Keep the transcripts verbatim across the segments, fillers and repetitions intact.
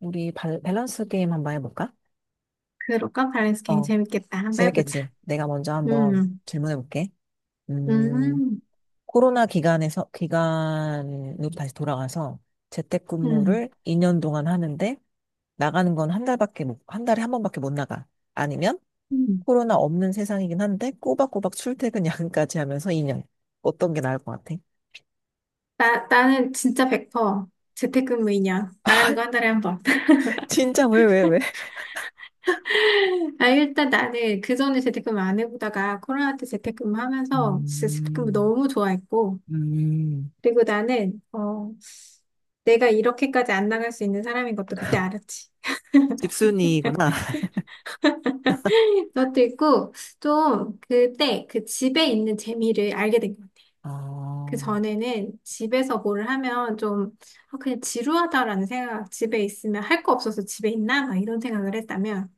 우리 발- 밸런스 게임 한번 해볼까? 그럴까? 밸런스 게임 어, 재밌겠다. 한번 해보자. 재밌겠지? 내가 먼저 한번 음, 질문해볼게. 음, 음, 코로나 기간에서, 기간으로 다시 돌아가서 음, 재택근무를 이 년 동안 하는데 나가는 건 한 달밖에 못, 한 달에 한 번밖에 못 나가. 아니면 음. 코로나 없는 세상이긴 한데 꼬박꼬박 출퇴근 야근까지 하면서 이 년. 어떤 게 나을 것 같아? 나, 나는 진짜 백 퍼센트 재택근무이냐. 나가는 거 한 달에 한 번. 진짜 왜, 왜, 왜? 아, 일단 나는 그전에 재택근무 안 해보다가 코로나 때 재택근무 하면서 진짜 재택근무 음, 너무 좋아했고. 음, 그리고 나는, 어, 내가 이렇게까지 안 나갈 수 있는 사람인 것도 그때 알았지. 집순이구나. 그것도 있고, 좀 그때 그 집에 있는 재미를 알게 된거 그 아, 전에는 집에서 뭘 하면 좀 아, 그냥 지루하다라는 생각, 집에 있으면 할 거 없어서 집에 있나? 막 이런 생각을 했다면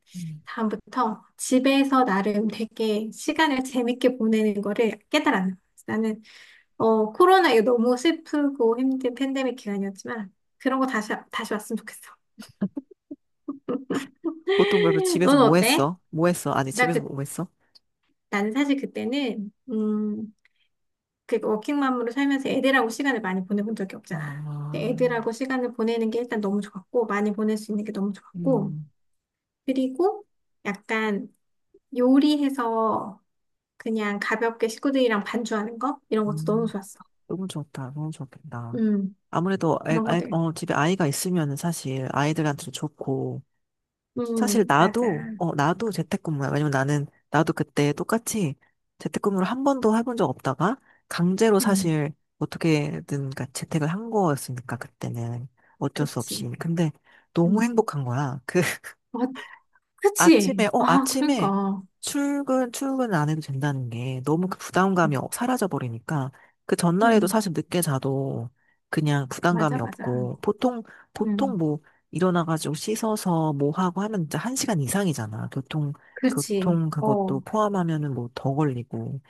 다음부터 집에서 나름 되게 시간을 재밌게 보내는 거를 깨달았는 거예요. 나는 어, 코로나 이거 너무 슬프고 힘든 팬데믹 기간이었지만 그런 거 다시 다시 왔으면 좋겠어. 보통 그러면 집에서 너는 뭐 어때? 했어? 뭐 했어? 아니, 나 집에서 그, 뭐 했어? 나는 사실 그때는 음, 그 워킹맘으로 살면서 애들하고 시간을 많이 보내본 적이 없잖아. 근데 아, 애들하고 시간을 보내는 게 일단 너무 좋았고, 많이 보낼 수 있는 게 너무 좋았고, 음, 그리고 약간 요리해서 그냥 가볍게 식구들이랑 반주하는 거? 이런 것도 너무 음, 좋았어. 너무 좋다. 너무 좋겠다. 음, 아무래도, 아, 그런 아, 거들. 어, 집에 아이가 있으면 사실 아이들한테도 좋고, 사실 음, 맞아. 나도, 어, 나도 재택근무야. 왜냐면 나는, 나도 그때 똑같이 재택근무를 한 번도 해본 적 없다가, 강제로 음, 사실 어떻게든 가- 재택을 한 거였으니까, 그때는. 어쩔 수 없이. 그치. 근데 너무 음, 행복한 거야. 그, 어, 아침에, 그치. 어, 아, 아침에 그러니까. 출근, 출근 안 해도 된다는 게 너무 그 부담감이 어- 사라져버리니까 그 전날에도 음, 사실 늦게 자도 그냥 맞아, 부담감이 맞아. 없고 보통, 보통 음, 뭐 일어나가지고 씻어서 뭐 하고 하면 진짜 한 시간 이상이잖아. 교통, 그렇지. 교통 그것도 어, 포함하면은 뭐 더 걸리고.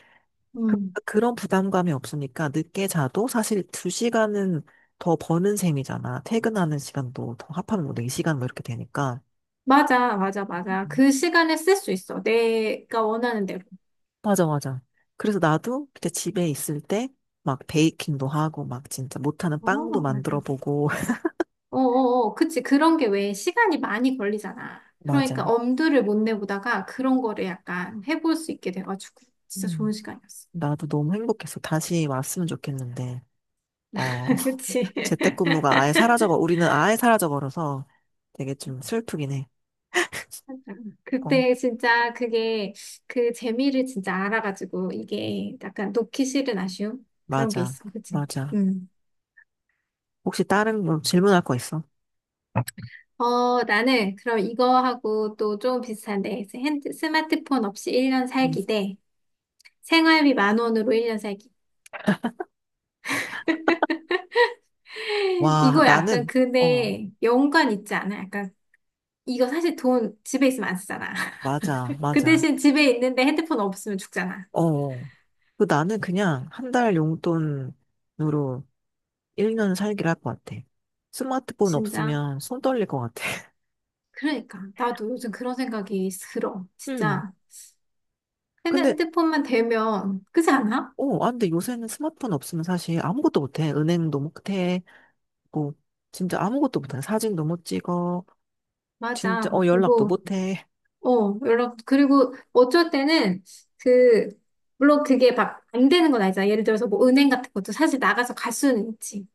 그- 음. 그런 부담감이 없으니까 늦게 자도 사실 두 시간은 더 버는 셈이잖아. 퇴근하는 시간도 더 합하면 뭐 네 시간 뭐 이렇게 되니까. 맞아, 맞아, 맞아. 그 시간에 쓸 수 있어. 내가 원하는 대로. 맞아, 맞아. 그래서 나도 그때 집에 있을 때 막 베이킹도 하고 막 진짜 못하는 빵도 어, 만들어 맞아. 보고. 어, 어, 어. 그치. 그런 게 왜 시간이 많이 걸리잖아. 맞아. 그러니까 엄두를 못 내보다가 그런 거를 약간 해볼 수 있게 돼가지고 진짜 좋은 음. 시간이었어. 나도 너무 행복했어. 다시 왔으면 좋겠는데. 어, 그치. 재택근무가 아예 사라져버, 우리는 아예 사라져버려서 되게 좀 슬프긴 해. 어, 그때 진짜 그게 그 재미를 진짜 알아가지고 이게 약간 놓기 싫은 아쉬움? 그런 게 맞아. 있어. 그치? 맞아. 음. 혹시 다른 뭐 질문할 거 있어? 어, 나는 그럼 이거하고 또 좀 비슷한데, 핸드, 스마트폰 없이 일 년 음. 살기 대 생활비 만 원으로 일 년 살기. 와, 이거 약간 나는, 어, 근데 연관 있지 않아? 약간 이거 사실 돈 집에 있으면 안 쓰잖아. 맞아, 그 맞아. 대신 집에 있는데 핸드폰 없으면 죽잖아. 어, 그 나는 그냥 한 달 용돈으로 일 년 살기를 할 것 같아. 스마트폰 진짜. 없으면 손 떨릴 것 같아. 그러니까 나도 요즘 그런 생각이 들어. 음. 진짜. 근데, 핸드폰만 되면 그렇지 않아? 어, 아, 근데 요새는 스마트폰 없으면 사실 아무것도 못해. 은행도 못해. 뭐, 진짜 아무것도 못해. 사진도 못 찍어. 진짜, 맞아. 어, 연락도 뭐 못해. 어, 연락, 그리고 어쩔 때는 그, 물론 그게 막 안 되는 건 아니잖아. 예를 들어서 뭐 은행 같은 것도 사실 나가서 갈 수는 있지.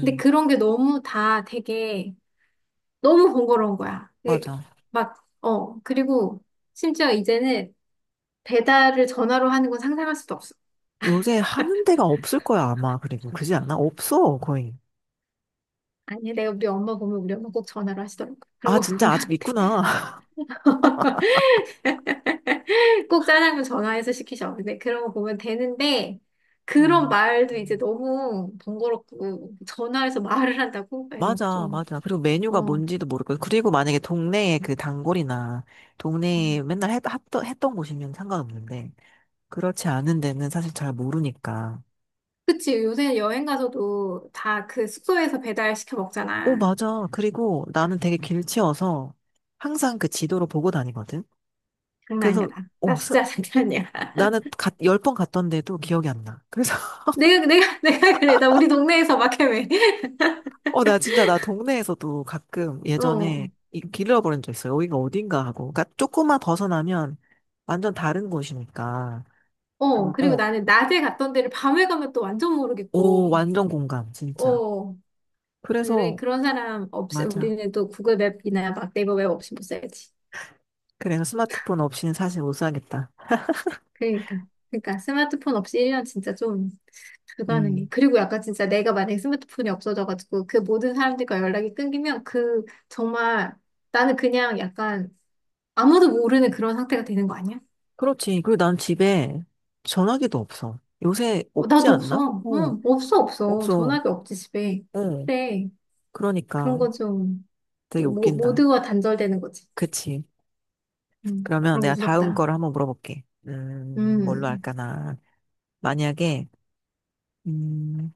근데 그런 게 너무 다 되게 너무 번거로운 거야. 그 맞아. 막, 어, 그리고 심지어 이제는 배달을 전화로 하는 건 상상할 수도 없어. 요새 하는 데가 없을 거야, 아마. 그리고, 그지 않아? 없어, 거의. 아니, 내가 우리 엄마 보면 우리 엄마 꼭 전화로 하시더라고. 그런 아, 거 진짜 아직 보면. 있구나. 꼭 짜장면 전화해서 시키셔. 근데 그런 거 보면 되는데, 그런 음. 말도 이제 너무 번거롭고, 전화해서 말을 한다고? 막 이런 거 맞아, 좀, 맞아. 그리고 메뉴가 어. 뭔지도 모르고. 그리고 만약에 동네에 그 단골이나 음. 동네에 맨날 했, 했던, 했던 곳이면 상관없는데. 그렇지 않은 데는 사실 잘 모르니까. 그치, 요새 여행 가서도 다 그 숙소에서 배달 시켜 오, 먹잖아. 맞아. 그리고 나는 되게 길치여서 항상 그 지도를 보고 다니거든. 장난 아니야, 그래서, 나. 나 오, 스- 진짜 장난 아니야. 나는 열 번 갔던데도 기억이 안 나. 그래서, 내가, 내가, 내가 그래. 나 우리 동네에서 막 헤매. 어, 나 진짜 나 동네에서도 가끔 어. 예전에 이- 길 잃어버린 적 있어. 요 여기가 어딘가 하고. 그러니까 조금만 벗어나면 완전 다른 곳이니까. 어. 그리고 어, 나는 낮에 갔던 데를 밤에 가면 또 완전 오, 모르겠고, 완전 공감, 진짜. 어. 그래, 그래서, 그런 사람 없이, 맞아. 우리는 또 구글 맵이나 막 네이버 맵 없이 못 살지. 그래서 스마트폰 없이는 사실 못 살겠다. 그러니까. 그러니까 스마트폰 없이 일 년 진짜 좀 불가능해. 음. 그리고 약간 진짜 내가 만약에 스마트폰이 없어져가지고 그 모든 사람들과 연락이 끊기면 그 정말 나는 그냥 약간 아무도 모르는 그런 상태가 되는 거 아니야? 그렇지. 그리고 난 집에 전화기도 없어. 요새 어, 없지 나도 않나? 없어. 어, 응, 없어, 없어. 없어. 전화기 없지, 집에. 어, 그래. 그런 그러니까 거 좀, 되게 모, 웃긴다. 모두와 단절되는 거지. 그치. 음, 그러면 그런 거 내가 다음 무섭다. 거를 한번 물어볼게. 음, 뭘로 음, 할까나. 만약에, 음,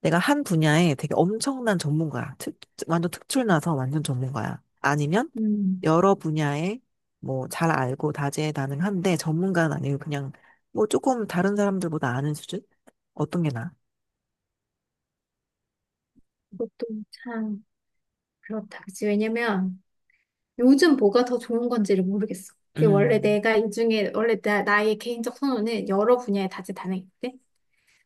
내가 한 분야에 되게 엄청난 전문가야. 특, 완전 특출나서 완전 전문가야. 아니면 음. 여러 분야에 뭐 잘 알고 다재다능한데 전문가는 아니고 그냥 뭐 조금 다른 사람들보다 아는 수준? 어떤 게 나아? 그것도 참 그렇다. 그치? 왜냐면 요즘 뭐가 더 좋은 건지를 모르겠어. 이게 원래 음. 내가 이 중에, 원래 나, 나의 개인적 선호는 여러 분야에 다재다능인데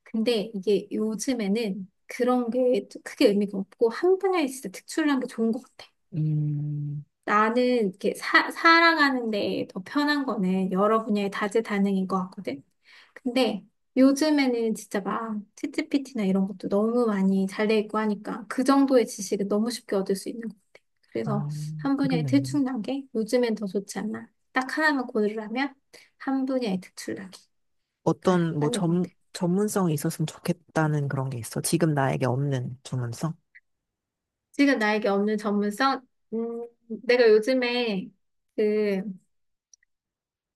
근데 이게 요즘에는 그런 게 크게 의미가 없고, 한 분야에 진짜 특출난 게 좋은 것 같아. 음, 나는 이렇게 사, 살아가는 데 더 편한 거는 여러 분야에 다재다능인 것 같거든. 근데 요즘에는 진짜 막 챗지피티나 이런 것도 너무 많이 잘 돼 있고 하니까 그 정도의 지식은 너무 쉽게 얻을 수 있는 것 같아. 그래서 아, 한 분야에 그러네. 특출나게 요즘엔 더 좋지 않나. 딱 하나만 고르라면 한 분야에 특출나기가 어떤, 뭐, 맞는 것 전, 같아. 전문성이 있었으면 좋겠다는 그런 게 있어. 지금 나에게 없는 전문성? 지금 나에게 없는 전문성? 음, 내가 요즘에 그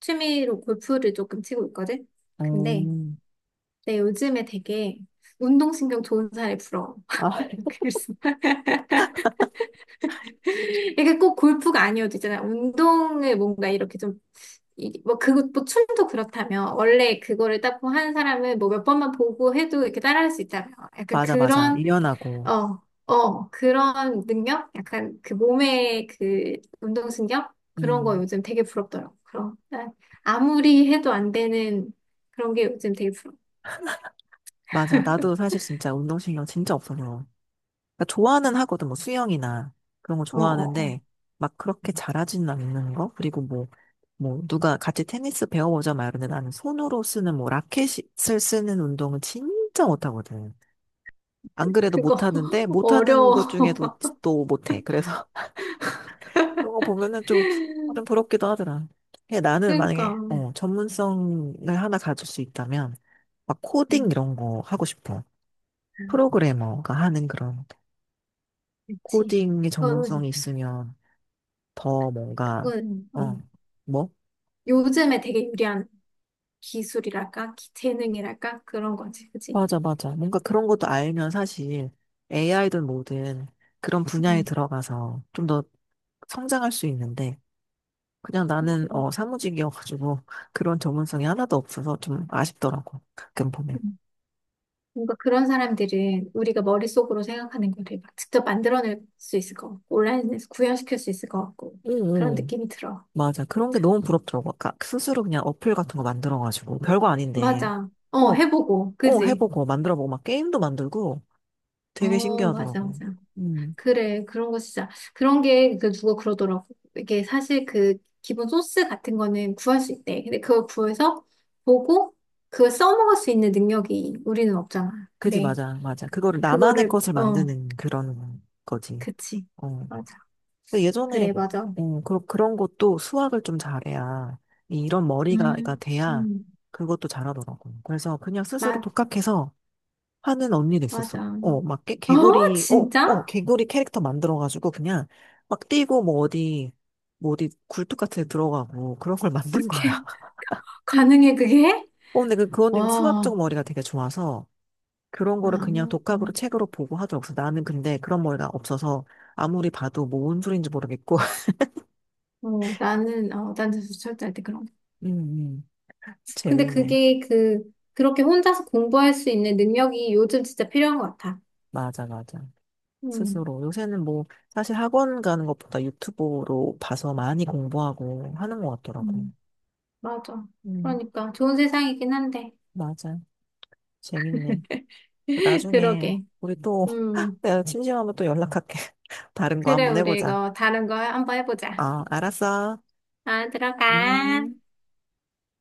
취미로 골프를 조금 치고 있거든? 근데 음, 내 요즘에 되게 운동신경 좋은 사람이 부러워. 아, 그래서 이게 꼭 골프가 아니어도 있잖아요. 운동을 뭔가 이렇게 좀, 이- 뭐, 그거, 뭐, 춤도 그렇다면, 원래 그거를 딱 한 사람을 뭐 몇 번만 보고 해도 이렇게 따라할 수 있다면, 약간 맞아, 맞아. 그런, 유연하고. 어, 어, 그런 능력? 약간 그 몸의 그 운동신경? 그런 거 음, 요즘 되게 부럽더라고. 그런, 난 아무리 해도 안 되는 그런 게 요즘 되게 부러워. 맞아. 나도 사실 진짜 운동신경 진짜 없어서. 그러니까 좋아는 하거든, 뭐, 수영이나 그런 거 어, 어, 어. 좋아하는데, 막 그렇게 잘하지는 않는 거? 그리고 뭐, 뭐, 누가 같이 테니스 배워보자 말하는데 나는 손으로 쓰는 뭐, 라켓을 쓰는 운동은 진짜 못하거든. 안 그래도 그거 못하는데 못하는 어려워. 것 중에도 또 못해. 그래서 그런 거 보면은 좀, 아, 좀 부럽기도 하더라. 근데 나는 만약에 그러니까. 어, 전문성을 하나 가질 수 있다면 막 코딩 음, 이런 거 하고 싶어. 아, 프로그래머가 하는 그런 그치. 코딩의 그거는 전문성이 있으면 더 뭔가 그건, 어, 어, 뭐? 요즘에 되게 유리한 기술이랄까? 기- 재능이랄까? 그런 거지, 그치? 맞아, 맞아. 뭔가 그런 것도 알면 사실 에이아이든 뭐든 그런 분야에 음, 들어가서 좀 더 성장할 수 있는데 그냥 나는 음. 어 사무직이어가지고 그런 전문성이 하나도 없어서 좀 아쉽더라고 가끔 보면. 음. 뭔가 그런 사람들은 우리가 머릿속으로 생각하는 거를 막 직접 만들어낼 수 있을 것 같고, 온라인에서 구현시킬 수 있을 것 같고, 응, 그런 응. 느낌이 들어. 맞아. 그런 게 너무 부럽더라고. 아까 스스로 그냥 어플 같은 거 만들어가지고 별거 아닌데 맞아. 어, 어, 해보고, 어 그지? 해보고 만들어보고 막 게임도 만들고 되게 어, 맞아, 신기하더라고. 맞아. 음, 그래, 그런 거 진짜. 그런 게, 그, 누가 그러더라고. 이게 사실 그, 기본 소스 같은 거는 구할 수 있대. 근데 그걸 구해서 보고, 그걸 써먹을 수 있는 능력이 우리는 없잖아. 그지 네. 맞아 맞아. 그거를 나만의 그거를, 것을 어, 만드는 그런 거지. 그치. 어. 맞아. 근데 예전에 그래, 맞아. 음, 그, 그런 것도 수학을 좀 잘해야 이- 이런 머리가 음, 가 돼야 음, 그것도 잘하더라고. 그래서 그냥 스스로 맞, 독학해서 하는 언니도 있었어. 맞아. 어, 막 개, 어, 개구리, 어, 어, 진짜? 개구리 캐릭터 만들어가지고 그냥 막 뛰고 뭐 어디 뭐 어디 굴뚝 같은 데 들어가고 그런 걸 어떻게, 만든 거야. 가능해, 그게? 어, 근데 그, 그 언니는 와, 수학적 머리가 되게 좋아서 그런 아, 거를 그냥 독학으로 음. 책으로 보고 하더라고. 그래서 나는 근데 그런 머리가 없어서 아무리 봐도 뭐 뭔 소리인지 모르겠고. 어, 나는, 어, 난 절대 절대 할때 그런 거. 음, 음. 근데 재밌네. 그게 그, 그렇게 혼자서 공부할 수 있는 능력이 요즘 진짜 필요한 것 같아. 맞아, 맞아. 음, 스스로. 요새는 뭐, 사실 학원 가는 것보다 유튜브로 봐서 많이 공부하고 하는 것 같더라고. 음. 맞아. 음, 그러니까 좋은 세상이긴 한데. 맞아. 재밌네. 나중에, 그러게. 우리 또, 음, 내가 심심하면 또 연락할게. 다른 거 그래, 한번 우리 해보자. 이거 다른 거 한번 해보자. 아, 알았어. 아, 들어가. 음.